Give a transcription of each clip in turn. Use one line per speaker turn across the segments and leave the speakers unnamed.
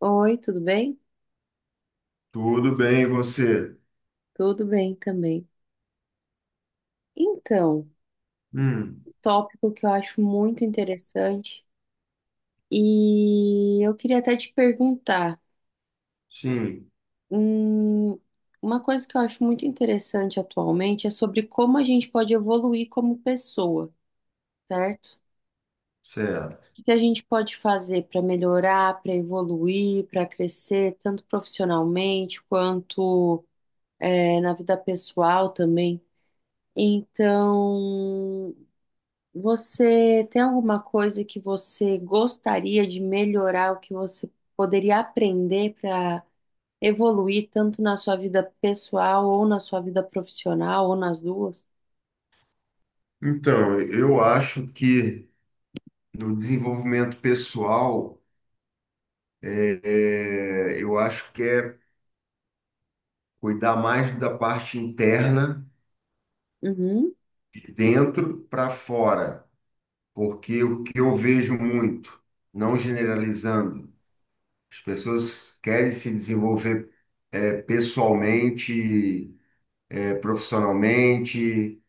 Oi, tudo bem?
Tudo bem, e você?
Tudo bem também. Então, um
Hum,
tópico que eu acho muito interessante e eu queria até te perguntar,
sim,
hum, uma coisa que eu acho muito interessante atualmente é sobre como a gente pode evoluir como pessoa, certo?
certo.
O que que a gente pode fazer para melhorar, para evoluir, para crescer, tanto profissionalmente quanto, na vida pessoal também. Então, você tem alguma coisa que você gostaria de melhorar, o que você poderia aprender para evoluir tanto na sua vida pessoal ou na sua vida profissional ou nas duas?
Então, eu acho que no desenvolvimento pessoal, é, eu acho que é cuidar mais da parte interna,
Uhum.
de dentro para fora, porque o que eu vejo muito, não generalizando, as pessoas querem se desenvolver pessoalmente, profissionalmente,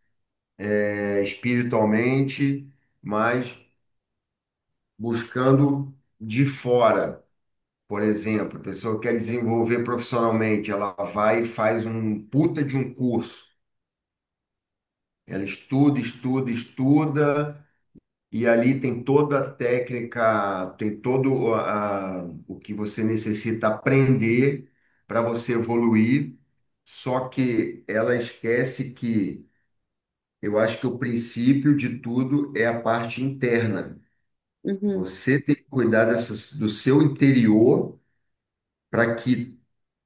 espiritualmente, mas buscando de fora. Por exemplo, a pessoa quer desenvolver profissionalmente, ela vai e faz um puta de um curso. Ela estuda, estuda, estuda, e ali tem toda a técnica, tem o que você necessita aprender para você evoluir. Só que ela esquece que eu acho que o princípio de tudo é a parte interna.
Uhum.
Você tem que cuidar dessas, do seu interior para que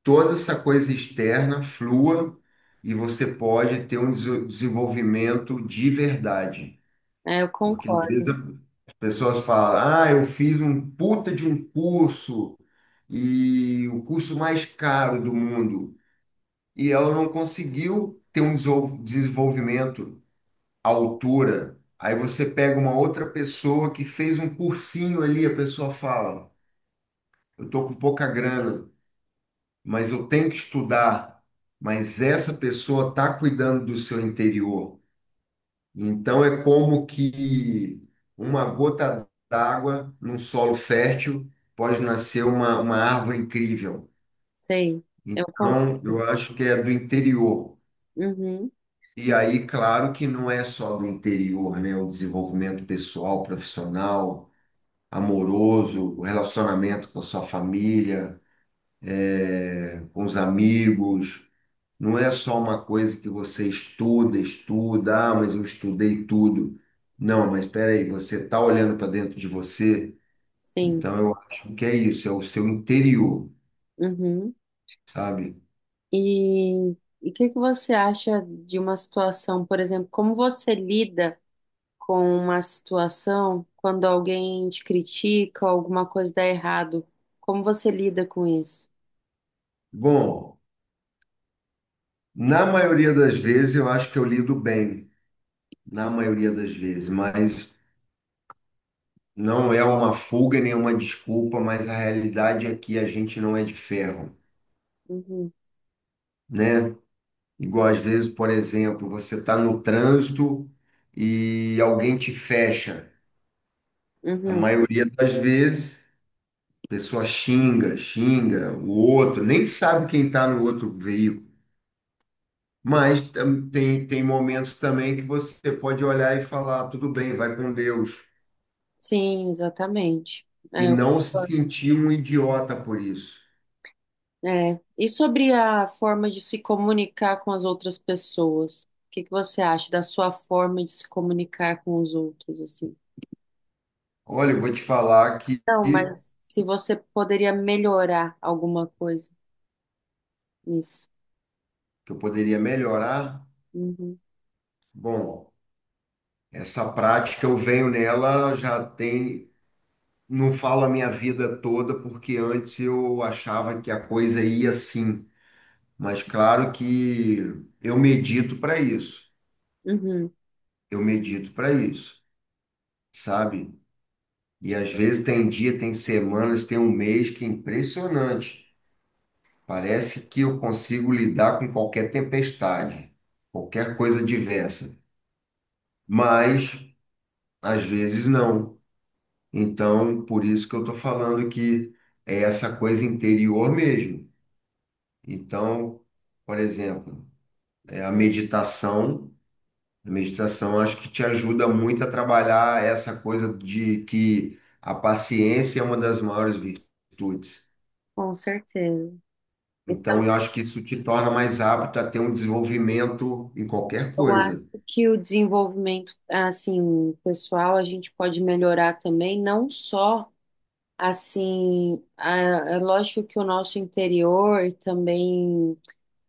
toda essa coisa externa flua e você pode ter um desenvolvimento de verdade.
É, eu
Porque às vezes
concordo.
as pessoas falam, ah, eu fiz um puta de um curso e o curso mais caro do mundo. E ela não conseguiu ter um desenvolvimento à altura. Aí você pega uma outra pessoa que fez um cursinho ali, a pessoa fala, eu tô com pouca grana, mas eu tenho que estudar. Mas essa pessoa está cuidando do seu interior. Então é como que uma gota d'água num solo fértil pode nascer uma árvore incrível.
Sei. Eu concordo.
Então eu acho que é do interior.
Uhum.
E aí, claro que não é só do interior, né? O desenvolvimento pessoal, profissional, amoroso, o relacionamento com a sua família, com os amigos. Não é só uma coisa que você estuda, estuda, ah, mas eu estudei tudo. Não, mas espera aí, você está olhando para dentro de você,
Sim.
então eu acho que é isso, é o seu interior,
Uhum.
sabe?
E e o que que você acha de uma situação, por exemplo, como você lida? Com uma situação quando alguém te critica, alguma coisa dá errado. Como você lida com isso?
Bom, na maioria das vezes eu acho que eu lido bem, na maioria das vezes, mas não é uma fuga nem uma desculpa, mas a realidade é que a gente não é de ferro,
Uhum.
né? Igual às vezes, por exemplo, você está no trânsito e alguém te fecha. A
Uhum.
maioria das vezes, a pessoa xinga, xinga o outro, nem sabe quem está no outro veículo. Mas tem momentos também que você pode olhar e falar, tudo bem, vai com Deus.
Sim, exatamente.
E
É, eu
não se
concordo.
sentir um idiota por isso.
É. E sobre a forma de se comunicar com as outras pessoas? O que que você acha da sua forma de se comunicar com os outros, assim?
Olha, eu vou te falar que,
Não,
que
mas se você poderia melhorar alguma coisa nisso.
eu poderia melhorar.
Uhum.
Bom, essa prática eu venho nela, já tem, não falo a minha vida toda, porque antes eu achava que a coisa ia assim. Mas claro que eu medito para isso.
Uhum.
Eu medito para isso, sabe? E às vezes tem dia, tem semanas, tem um mês que é impressionante. Parece que eu consigo lidar com qualquer tempestade, qualquer coisa diversa. Mas às vezes não. Então, por isso que eu estou falando que é essa coisa interior mesmo. Então, por exemplo, é a meditação. A meditação acho que te ajuda muito a trabalhar essa coisa de que a paciência é uma das maiores virtudes.
Com certeza. E
Então, eu acho que isso te torna mais apto a ter um desenvolvimento em qualquer
eu acho
coisa,
que o desenvolvimento, assim, pessoal, a gente pode melhorar também, não só, assim, a- é lógico que o nosso interior, também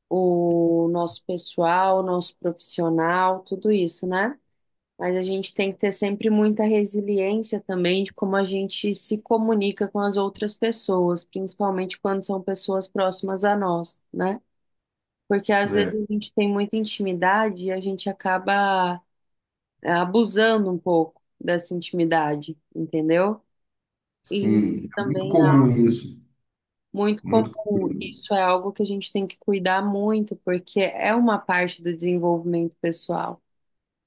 o nosso pessoal, o nosso profissional, tudo isso, né? Mas a gente tem que ter sempre muita resiliência também de como a gente se comunica com as outras pessoas, principalmente quando são pessoas próximas a nós, né? Porque às vezes
né?
a gente tem muita intimidade e a gente acaba abusando um pouco dessa intimidade, entendeu? E isso
Sim, é muito
também é
comum isso,
muito
muito
comum.
comum.
Isso é algo que a gente tem que cuidar muito, porque é uma parte do desenvolvimento pessoal.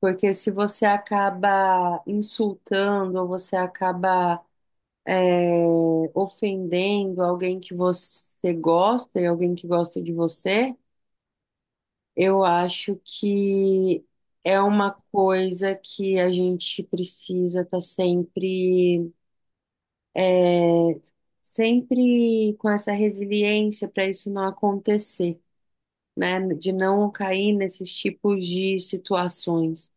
Porque se você acaba insultando ou você acaba ofendendo alguém que você gosta e alguém que gosta de você, eu acho que é uma coisa que a gente precisa estar sempre é, sempre com essa resiliência para isso não acontecer, né? De não cair nesses tipos de situações.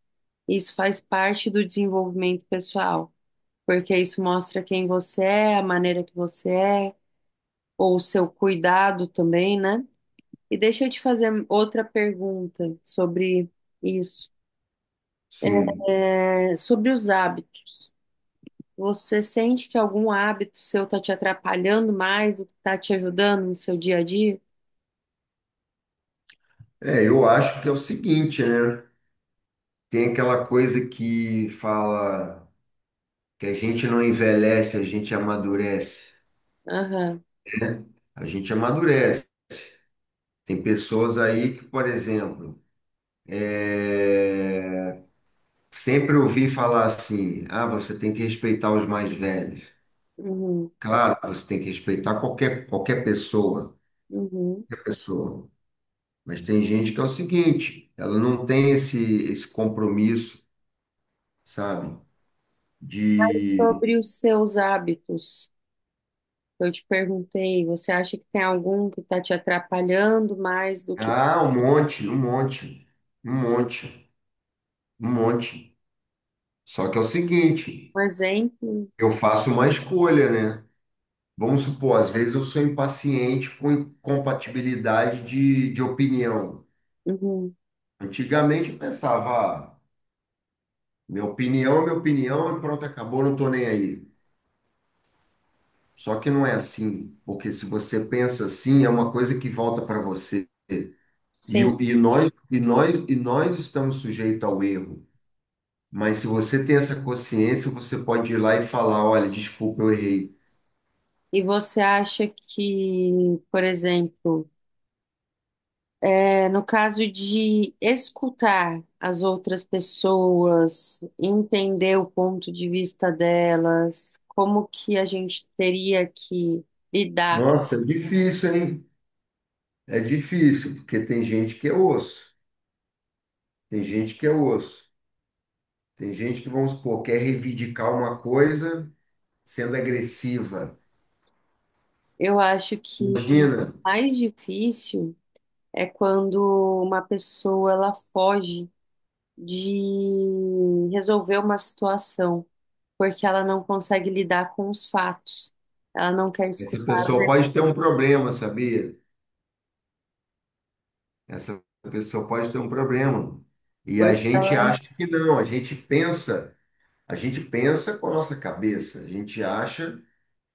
Isso faz parte do desenvolvimento pessoal, porque isso mostra quem você é, a maneira que você é, ou o seu cuidado também, né? E deixa eu te fazer outra pergunta sobre isso,
Sim.
sobre os hábitos. Você sente que algum hábito seu está te atrapalhando mais do que está te ajudando no seu dia a dia?
É, eu acho que é o seguinte, né? Tem aquela coisa que fala que a gente não envelhece, a gente amadurece.
Aham.
A gente amadurece. Tem pessoas aí que, por exemplo, é, sempre ouvi falar assim: ah, você tem que respeitar os mais velhos.
Uhum.
Claro, você tem que respeitar qualquer, qualquer pessoa,
Uhum.
qualquer pessoa. Mas tem gente que é o seguinte: ela não tem esse, esse compromisso, sabe?
E
De.
sobre os seus hábitos, eu te perguntei, você acha que tem algum que está te atrapalhando mais do que,
Ah, um monte, um monte, um monte, um monte. Só que é o seguinte:
por exemplo?
eu faço uma escolha, né? Vamos supor, às vezes eu sou impaciente com incompatibilidade de opinião.
Uhum.
Antigamente eu pensava, ah, minha opinião é minha opinião e pronto, acabou, não tô nem aí. Só que não é assim, porque se você pensa assim, é uma coisa que volta para você. E,
Sim.
nós estamos sujeitos ao erro. Mas se você tem essa consciência, você pode ir lá e falar, olha, desculpa, eu errei.
E você acha que, por exemplo, no caso de escutar as outras pessoas, entender o ponto de vista delas, como que a gente teria que lidar?
Nossa, é difícil, hein? É difícil, porque tem gente que é osso, tem gente que é osso, tem gente que, vamos supor, quer reivindicar uma coisa sendo agressiva.
Eu acho que
Imagina,
mais difícil. É quando uma pessoa ela foge de resolver uma situação porque ela não consegue lidar com os fatos. Ela não quer
essa
escutar a
pessoa
verdade.
pode ter um problema, sabia? Essa pessoa pode ter um problema. E a gente acha que não, a gente pensa com a nossa cabeça, a gente acha,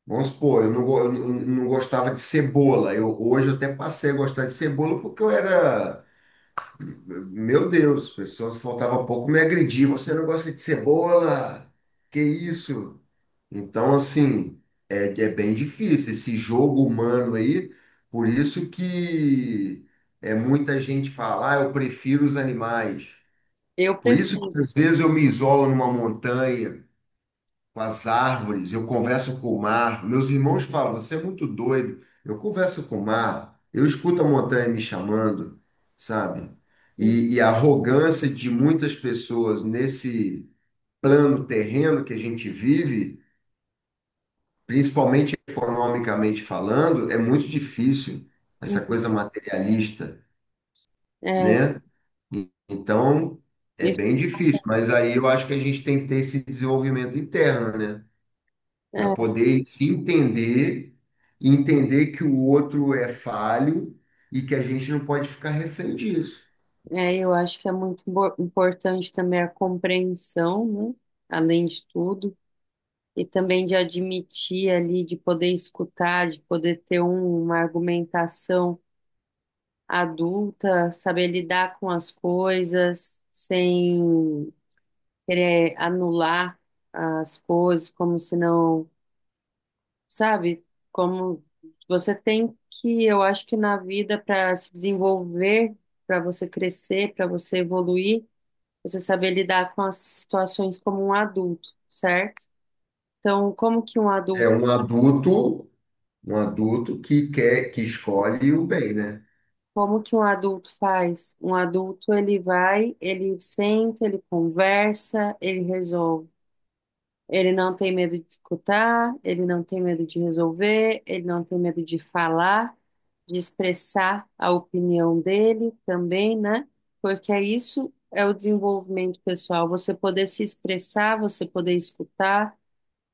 vamos supor, eu não gostava de cebola, eu, hoje eu até passei a gostar de cebola porque eu era, Meu Deus, as pessoas faltava pouco me agredir. Você não gosta de cebola? Que isso? Então, assim, é bem difícil esse jogo humano aí. Por isso que é muita gente fala, ah, eu prefiro os animais.
Eu
Por isso
prefiro.
que às vezes eu me isolo numa montanha com as árvores, eu converso com o mar. Meus irmãos falam, você é muito doido. Eu converso com o mar, eu escuto a montanha me chamando, sabe? E a arrogância de muitas pessoas nesse plano terreno que a gente vive, principalmente economicamente falando, é muito difícil, essa coisa materialista,
É,
né? Então, é
isso-
bem difícil, mas aí eu acho que a gente tem que ter esse desenvolvimento interno, né? Para
é,
poder se entender, e entender que o outro é falho e que a gente não pode ficar refém disso.
eu acho que é muito importante também a compreensão, né? Além de tudo, e também de admitir ali, de poder escutar, de poder ter uma argumentação adulta, saber lidar com as coisas sem querer anular as coisas, como se não, sabe? Como você tem que, eu acho que na vida, para se desenvolver, para você crescer, para você evoluir, você saber lidar com as situações como um adulto, certo? Então, como que um
É
adulto.
um adulto que quer, que escolhe o bem, né?
Como que um adulto faz? Um adulto, ele vai, ele senta, ele conversa, ele resolve. Ele não tem medo de escutar, ele não tem medo de resolver, ele não tem medo de falar, de expressar a opinião dele também, né? Porque é isso é o desenvolvimento pessoal, você poder se expressar, você poder escutar,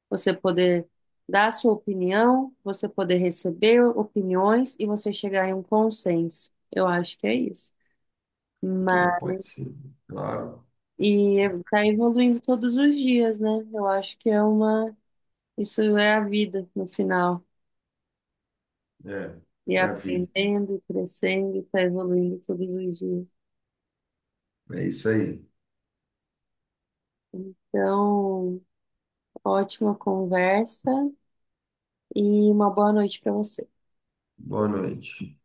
você poder dar sua opinião, você poder receber opiniões e você chegar em um consenso. Eu acho que é isso.
É,
Mas,
pode ser, claro.
e tá evoluindo todos os dias, né? Eu acho que é uma. Isso é a vida no final.
É,
E
é a vida.
aprendendo, e crescendo, e tá evoluindo todos os dias.
É isso aí.
Então, ótima conversa e uma boa noite para você.
Boa noite.